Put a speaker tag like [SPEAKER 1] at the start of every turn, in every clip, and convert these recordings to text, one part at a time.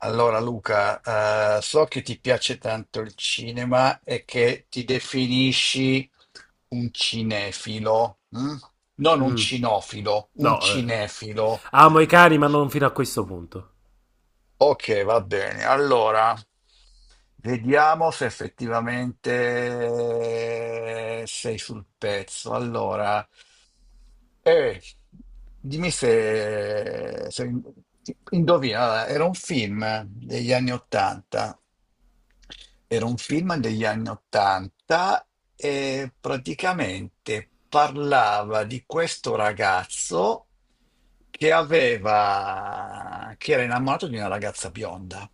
[SPEAKER 1] Allora Luca, so che ti piace tanto il cinema e che ti definisci un cinefilo, mm? Non un
[SPEAKER 2] Mm,
[SPEAKER 1] cinofilo, un
[SPEAKER 2] no, eh.
[SPEAKER 1] cinefilo.
[SPEAKER 2] Amo i cani, ma non fino a questo punto.
[SPEAKER 1] Ok, va bene. Allora, vediamo se effettivamente sei sul pezzo. Allora, Eh, dimmi se indovina, allora, era un film degli anni Ottanta, era un film degli anni Ottanta e praticamente parlava di questo ragazzo che era innamorato di una ragazza bionda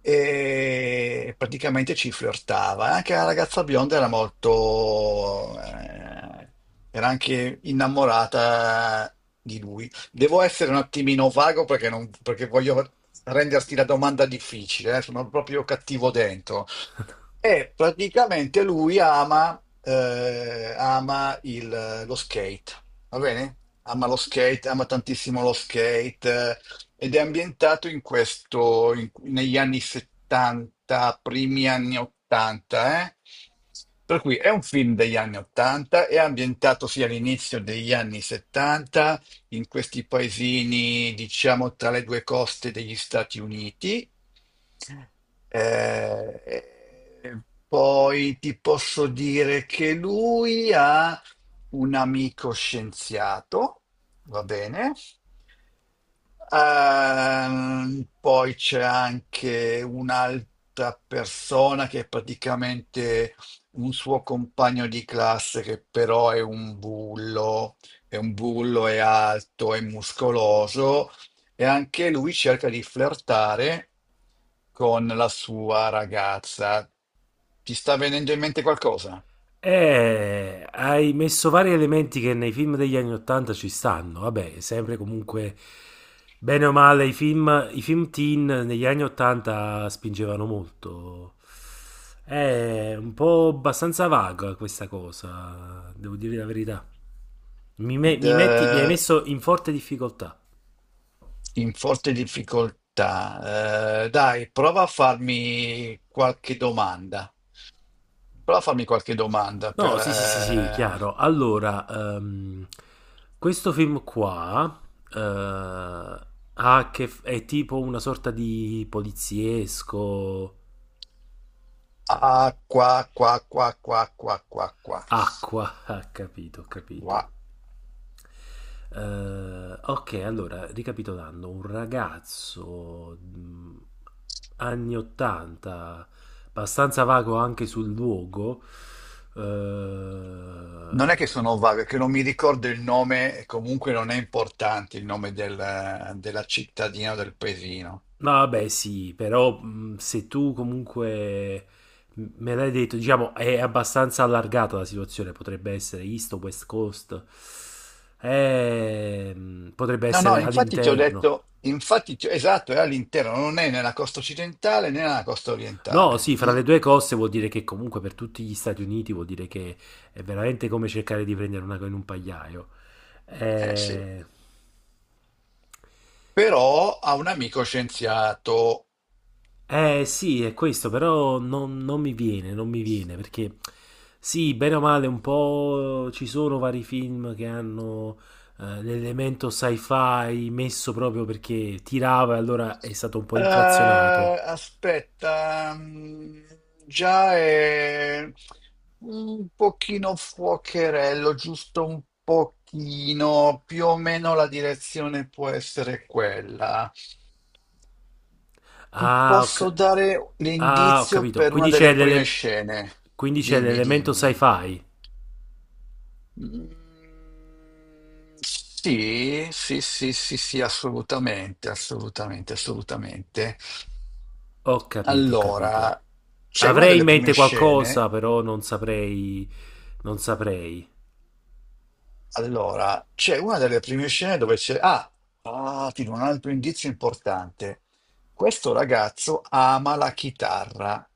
[SPEAKER 1] e praticamente ci flirtava. E anche la ragazza bionda era molto, era anche innamorata di lui. Devo essere un attimino vago perché, non, perché voglio renderti la domanda difficile, sono proprio cattivo dentro. E praticamente ama lo skate, va bene? Ama lo skate, ama tantissimo lo skate, ed è ambientato in negli anni 70, primi anni 80, eh? Per cui è un film degli anni 80, è ambientato sia all'inizio degli anni 70, in questi paesini, diciamo, tra le due coste degli Stati Uniti. Eh, Poi ti posso dire che lui ha un amico scienziato, va bene? Poi c'è anche un'altra persona che è praticamente un suo compagno di classe che però è un bullo. È un bullo, è alto, è muscoloso e anche lui cerca di flirtare con la sua ragazza. Ti sta venendo in mente qualcosa?
[SPEAKER 2] Hai messo vari elementi che nei film degli anni 80 ci stanno. Vabbè, sempre comunque, bene o male, i film teen negli anni 80 spingevano molto. È un po' abbastanza vaga questa cosa, devo dire la verità. Mi, me- mi metti- Mi hai
[SPEAKER 1] D-
[SPEAKER 2] messo in forte difficoltà.
[SPEAKER 1] In forte difficoltà. Dai, prova a farmi qualche domanda. Prova a farmi qualche domanda
[SPEAKER 2] No,
[SPEAKER 1] per...
[SPEAKER 2] sì, sì, sì, sì, chiaro. Allora, questo film qua, ha a che f- è tipo una sorta di poliziesco
[SPEAKER 1] ah, qua, qua, qua, qua, qua, qua, qua.
[SPEAKER 2] acqua, ho capito.
[SPEAKER 1] Qua.
[SPEAKER 2] Ok, allora, ricapitolando, un ragazzo, anni 80, abbastanza vago anche sul luogo,
[SPEAKER 1] Non è che
[SPEAKER 2] eh,
[SPEAKER 1] sono vago, è che non mi ricordo il nome, e comunque non è importante il nome della cittadina o del paesino.
[SPEAKER 2] No, vabbè, sì, però se tu comunque me l'hai detto, diciamo, è abbastanza allargata la situazione, potrebbe essere East o West Coast. Potrebbe
[SPEAKER 1] No,
[SPEAKER 2] essere
[SPEAKER 1] no, infatti ti ho
[SPEAKER 2] all'interno.
[SPEAKER 1] detto, infatti, esatto, è all'interno, non è nella costa occidentale né nella costa
[SPEAKER 2] No,
[SPEAKER 1] orientale.
[SPEAKER 2] sì, fra
[SPEAKER 1] Mm?
[SPEAKER 2] le due coste vuol dire che comunque per tutti gli Stati Uniti vuol dire che è veramente come cercare di prendere una in un pagliaio.
[SPEAKER 1] Eh sì,
[SPEAKER 2] Eh,
[SPEAKER 1] però ha un amico scienziato.
[SPEAKER 2] Eh sì, è questo, però non mi viene, non mi viene, perché sì, bene o male, un po' ci sono vari film che hanno l'elemento sci-fi messo proprio perché tirava e allora è stato un po' inflazionato.
[SPEAKER 1] Aspetta, mm, già è un pochino fuocherello, giusto un pochino, più o meno la direzione può essere quella. Ti
[SPEAKER 2] Ah,
[SPEAKER 1] posso dare
[SPEAKER 2] ho
[SPEAKER 1] l'indizio
[SPEAKER 2] capito,
[SPEAKER 1] per una delle prime scene?
[SPEAKER 2] quindi c'è
[SPEAKER 1] Dimmi,
[SPEAKER 2] l'elemento
[SPEAKER 1] dimmi.
[SPEAKER 2] sci-fi.
[SPEAKER 1] Mm, sì, sì, sì, sì, sì, assolutamente, assolutamente, assolutamente.
[SPEAKER 2] Ho capito, ho capito.
[SPEAKER 1] Allora, c'è una
[SPEAKER 2] Avrei in
[SPEAKER 1] delle prime
[SPEAKER 2] mente
[SPEAKER 1] scene,
[SPEAKER 2] qualcosa, però non saprei, non saprei.
[SPEAKER 1] allora, c'è una delle prime scene dove c'è... Ah, ah, ti do un altro indizio importante. Questo ragazzo ama la chitarra.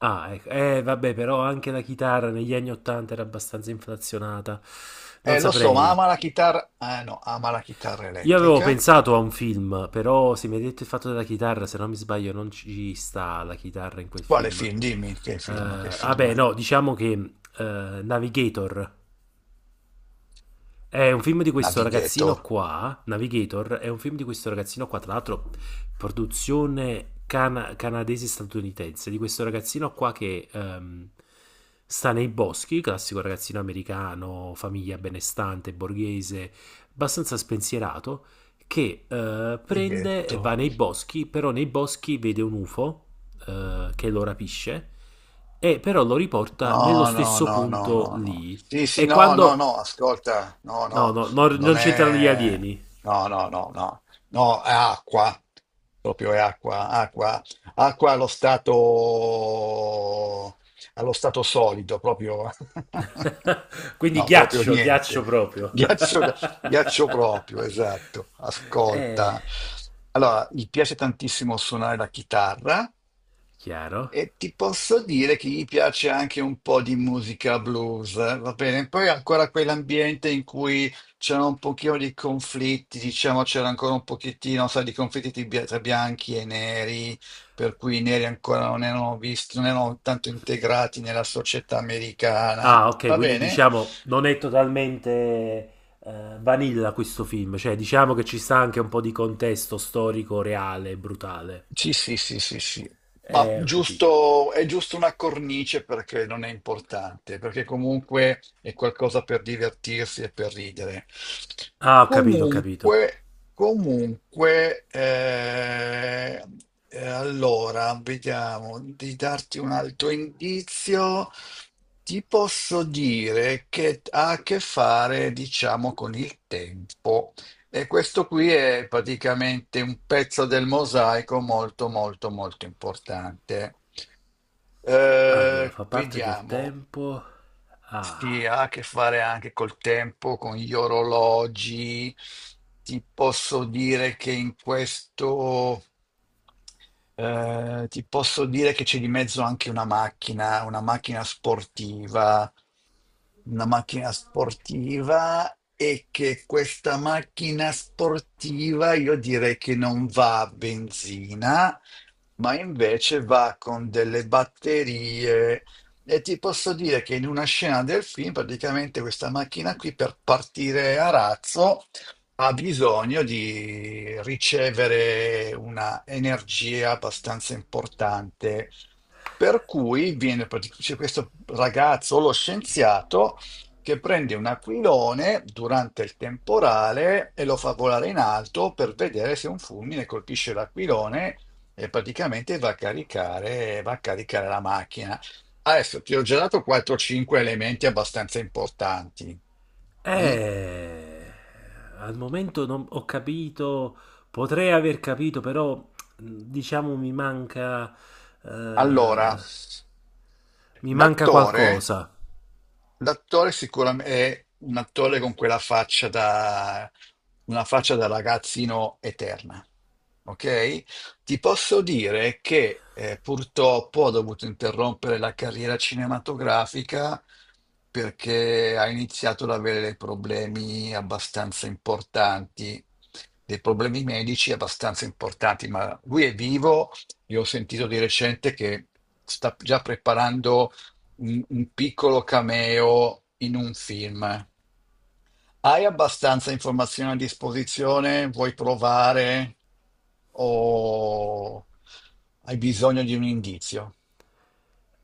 [SPEAKER 2] Ah, ecco. Vabbè, però anche la chitarra negli anni 80 era abbastanza inflazionata. Non
[SPEAKER 1] Lo so, ma
[SPEAKER 2] saprei.
[SPEAKER 1] ama la chitarra... Ah, no, ama la chitarra
[SPEAKER 2] Io avevo
[SPEAKER 1] elettrica.
[SPEAKER 2] pensato a un film, però se mi hai detto il fatto della chitarra, se non mi sbaglio, non ci sta la chitarra in quel
[SPEAKER 1] Quale
[SPEAKER 2] film.
[SPEAKER 1] film? Dimmi, che film, che film?
[SPEAKER 2] Vabbè, no, diciamo che Navigator. È un film di questo
[SPEAKER 1] Navigator.
[SPEAKER 2] ragazzino qua, Navigator, è un film di questo ragazzino qua, tra l'altro produzione canadese-statunitense, di questo ragazzino qua che sta nei boschi, classico ragazzino americano, famiglia benestante, borghese, abbastanza spensierato, che prende e va
[SPEAKER 1] Navigator.
[SPEAKER 2] nei boschi, però nei boschi vede un UFO, che lo rapisce e però lo riporta nello
[SPEAKER 1] No, no,
[SPEAKER 2] stesso
[SPEAKER 1] no, no,
[SPEAKER 2] punto
[SPEAKER 1] no, no.
[SPEAKER 2] lì.
[SPEAKER 1] Sì, sì,
[SPEAKER 2] E
[SPEAKER 1] no, no,
[SPEAKER 2] quando
[SPEAKER 1] no, ascolta, no,
[SPEAKER 2] No,
[SPEAKER 1] no,
[SPEAKER 2] no, no, non
[SPEAKER 1] non
[SPEAKER 2] c'entrano gli
[SPEAKER 1] è...
[SPEAKER 2] alieni.
[SPEAKER 1] No, no, no, no, no, è acqua, proprio è acqua, acqua, acqua allo stato solido, proprio...
[SPEAKER 2] Quindi
[SPEAKER 1] No, proprio
[SPEAKER 2] ghiaccio, ghiaccio
[SPEAKER 1] niente.
[SPEAKER 2] proprio.
[SPEAKER 1] Ghiaccio. Ghiaccio proprio, esatto.
[SPEAKER 2] Eh,
[SPEAKER 1] Ascolta. Allora, gli piace tantissimo suonare la chitarra
[SPEAKER 2] Chiaro.
[SPEAKER 1] e ti posso dire che gli piace anche un po' di musica blues, va bene? Poi ancora quell'ambiente in cui c'erano un pochino di conflitti, diciamo c'era ancora un pochettino, sai, di conflitti tra bianchi e neri, per cui i neri ancora non erano visti, non erano tanto integrati nella società americana,
[SPEAKER 2] Ah, ok,
[SPEAKER 1] va
[SPEAKER 2] quindi
[SPEAKER 1] bene?
[SPEAKER 2] diciamo non è totalmente vanilla questo film, cioè diciamo che ci sta anche un po' di contesto storico reale e brutale.
[SPEAKER 1] Sì, sì, sì, sì, sì. Ma
[SPEAKER 2] Ho capito.
[SPEAKER 1] giusto, è giusto una cornice perché non è importante, perché comunque è qualcosa per divertirsi e per ridere.
[SPEAKER 2] Ah, ho capito, ho capito.
[SPEAKER 1] Comunque, comunque, eh, allora, vediamo di darti un altro indizio. Ti posso dire che ha a che fare, diciamo, con il tempo. E questo qui è praticamente un pezzo del mosaico molto molto molto importante.
[SPEAKER 2] Allora, fa parte del
[SPEAKER 1] Vediamo,
[SPEAKER 2] tempo.
[SPEAKER 1] si
[SPEAKER 2] Ah.
[SPEAKER 1] ha a che fare anche col tempo, con gli orologi. Ti posso dire che in questo. Ti posso dire che c'è di mezzo anche una macchina sportiva e che questa macchina sportiva io direi che non va a benzina, ma invece va con delle batterie. E ti posso dire che in una scena del film, praticamente questa macchina qui per partire a razzo ha bisogno di ricevere una energia abbastanza importante. Per cui c'è questo ragazzo, lo scienziato, che prende un aquilone durante il temporale e lo fa volare in alto per vedere se un fulmine colpisce l'aquilone e praticamente va a caricare la macchina. Adesso ti ho già dato 4-5 elementi abbastanza importanti. Mm?
[SPEAKER 2] Eh, Al momento non ho capito, potrei aver capito, però diciamo
[SPEAKER 1] Allora,
[SPEAKER 2] eh, mi manca
[SPEAKER 1] l'attore
[SPEAKER 2] qualcosa.
[SPEAKER 1] l'attore sicuramente è un attore con quella faccia da, una faccia da ragazzino eterna, ok? Ti posso dire che purtroppo ho dovuto interrompere la carriera cinematografica perché ha iniziato ad avere dei problemi abbastanza importanti, dei problemi medici abbastanza importanti, ma lui è vivo e ho sentito di recente che sta già preparando un piccolo cameo in un film. Hai abbastanza informazioni a disposizione? Vuoi provare o hai bisogno di un indizio?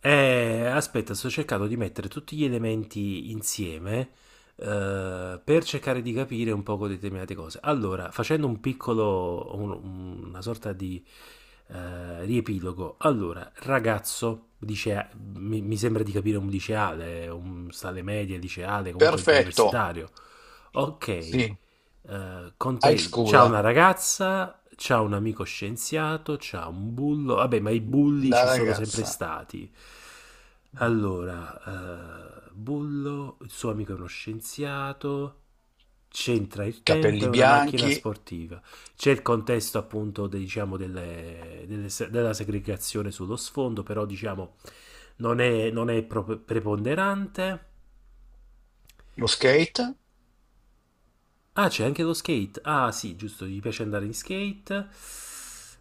[SPEAKER 2] Aspetta, sto cercando di mettere tutti gli elementi insieme, per cercare di capire un poco determinate cose. Allora, facendo una sorta di riepilogo. Allora, ragazzo, dice, mi sembra di capire un liceale, un sta alle medie, liceale, comunque
[SPEAKER 1] Perfetto,
[SPEAKER 2] universitario. Ok,
[SPEAKER 1] sì,
[SPEAKER 2] con
[SPEAKER 1] high
[SPEAKER 2] te c'ha una
[SPEAKER 1] school,
[SPEAKER 2] ragazza, c'ha un amico scienziato, c'ha un bullo, vabbè, ma i bulli
[SPEAKER 1] la
[SPEAKER 2] ci sono sempre
[SPEAKER 1] ragazza,
[SPEAKER 2] stati. Allora, Bullo, il suo amico è uno scienziato, c'entra il tempo, è
[SPEAKER 1] capelli
[SPEAKER 2] una macchina
[SPEAKER 1] bianchi,
[SPEAKER 2] sportiva. C'è il contesto appunto diciamo, delle- delle se- della segregazione sullo sfondo, però diciamo non è preponderante.
[SPEAKER 1] lo skate.
[SPEAKER 2] Ah, c'è anche lo skate. Ah, sì, giusto, gli piace andare in skate.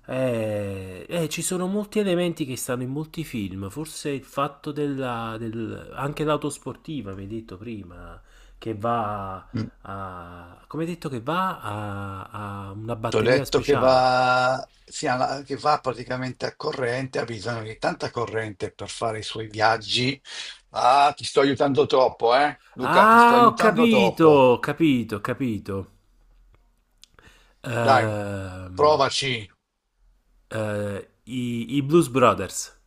[SPEAKER 2] Ci sono molti elementi che stanno in molti film. Forse il fatto del, anche l'auto sportiva, mi hai detto prima, che va
[SPEAKER 1] Mm.
[SPEAKER 2] a, come hai detto, che va a una
[SPEAKER 1] T'ho
[SPEAKER 2] batteria
[SPEAKER 1] detto che
[SPEAKER 2] speciale.
[SPEAKER 1] va, sì, che va praticamente a corrente, ha bisogno di tanta corrente per fare i suoi viaggi. Ah, ti sto aiutando troppo, eh? Luca, ti sto
[SPEAKER 2] Ah, ho
[SPEAKER 1] aiutando
[SPEAKER 2] capito,
[SPEAKER 1] troppo.
[SPEAKER 2] ho capito, ho capito.
[SPEAKER 1] Dai,
[SPEAKER 2] Ehm,
[SPEAKER 1] provaci.
[SPEAKER 2] i Blues Brothers.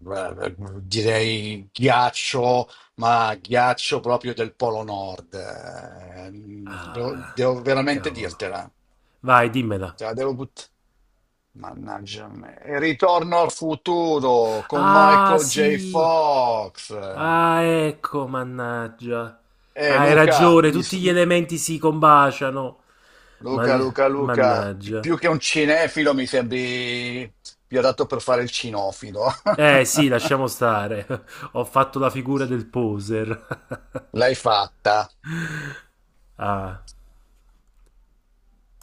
[SPEAKER 1] Beh, direi ghiaccio, ma ghiaccio proprio del Polo Nord. Devo,
[SPEAKER 2] Ah,
[SPEAKER 1] devo veramente
[SPEAKER 2] cavolo.
[SPEAKER 1] dirtela.
[SPEAKER 2] Vai, dimmela.
[SPEAKER 1] Te la devo buttare. Mannaggia me. E Ritorno al futuro con
[SPEAKER 2] Ah,
[SPEAKER 1] Michael J.
[SPEAKER 2] sì.
[SPEAKER 1] Fox.
[SPEAKER 2] Ah, ecco, mannaggia.
[SPEAKER 1] Eh,
[SPEAKER 2] Hai
[SPEAKER 1] Luca,
[SPEAKER 2] ragione,
[SPEAKER 1] mi
[SPEAKER 2] tutti
[SPEAKER 1] s-
[SPEAKER 2] gli elementi si combaciano. Ma.
[SPEAKER 1] Luca, Luca, Luca,
[SPEAKER 2] Mannaggia.
[SPEAKER 1] più che un cinefilo mi sembri più adatto per fare il cinofilo.
[SPEAKER 2] Eh sì, lasciamo stare. Ho fatto la figura del poser.
[SPEAKER 1] L'hai fatta.
[SPEAKER 2] Ah.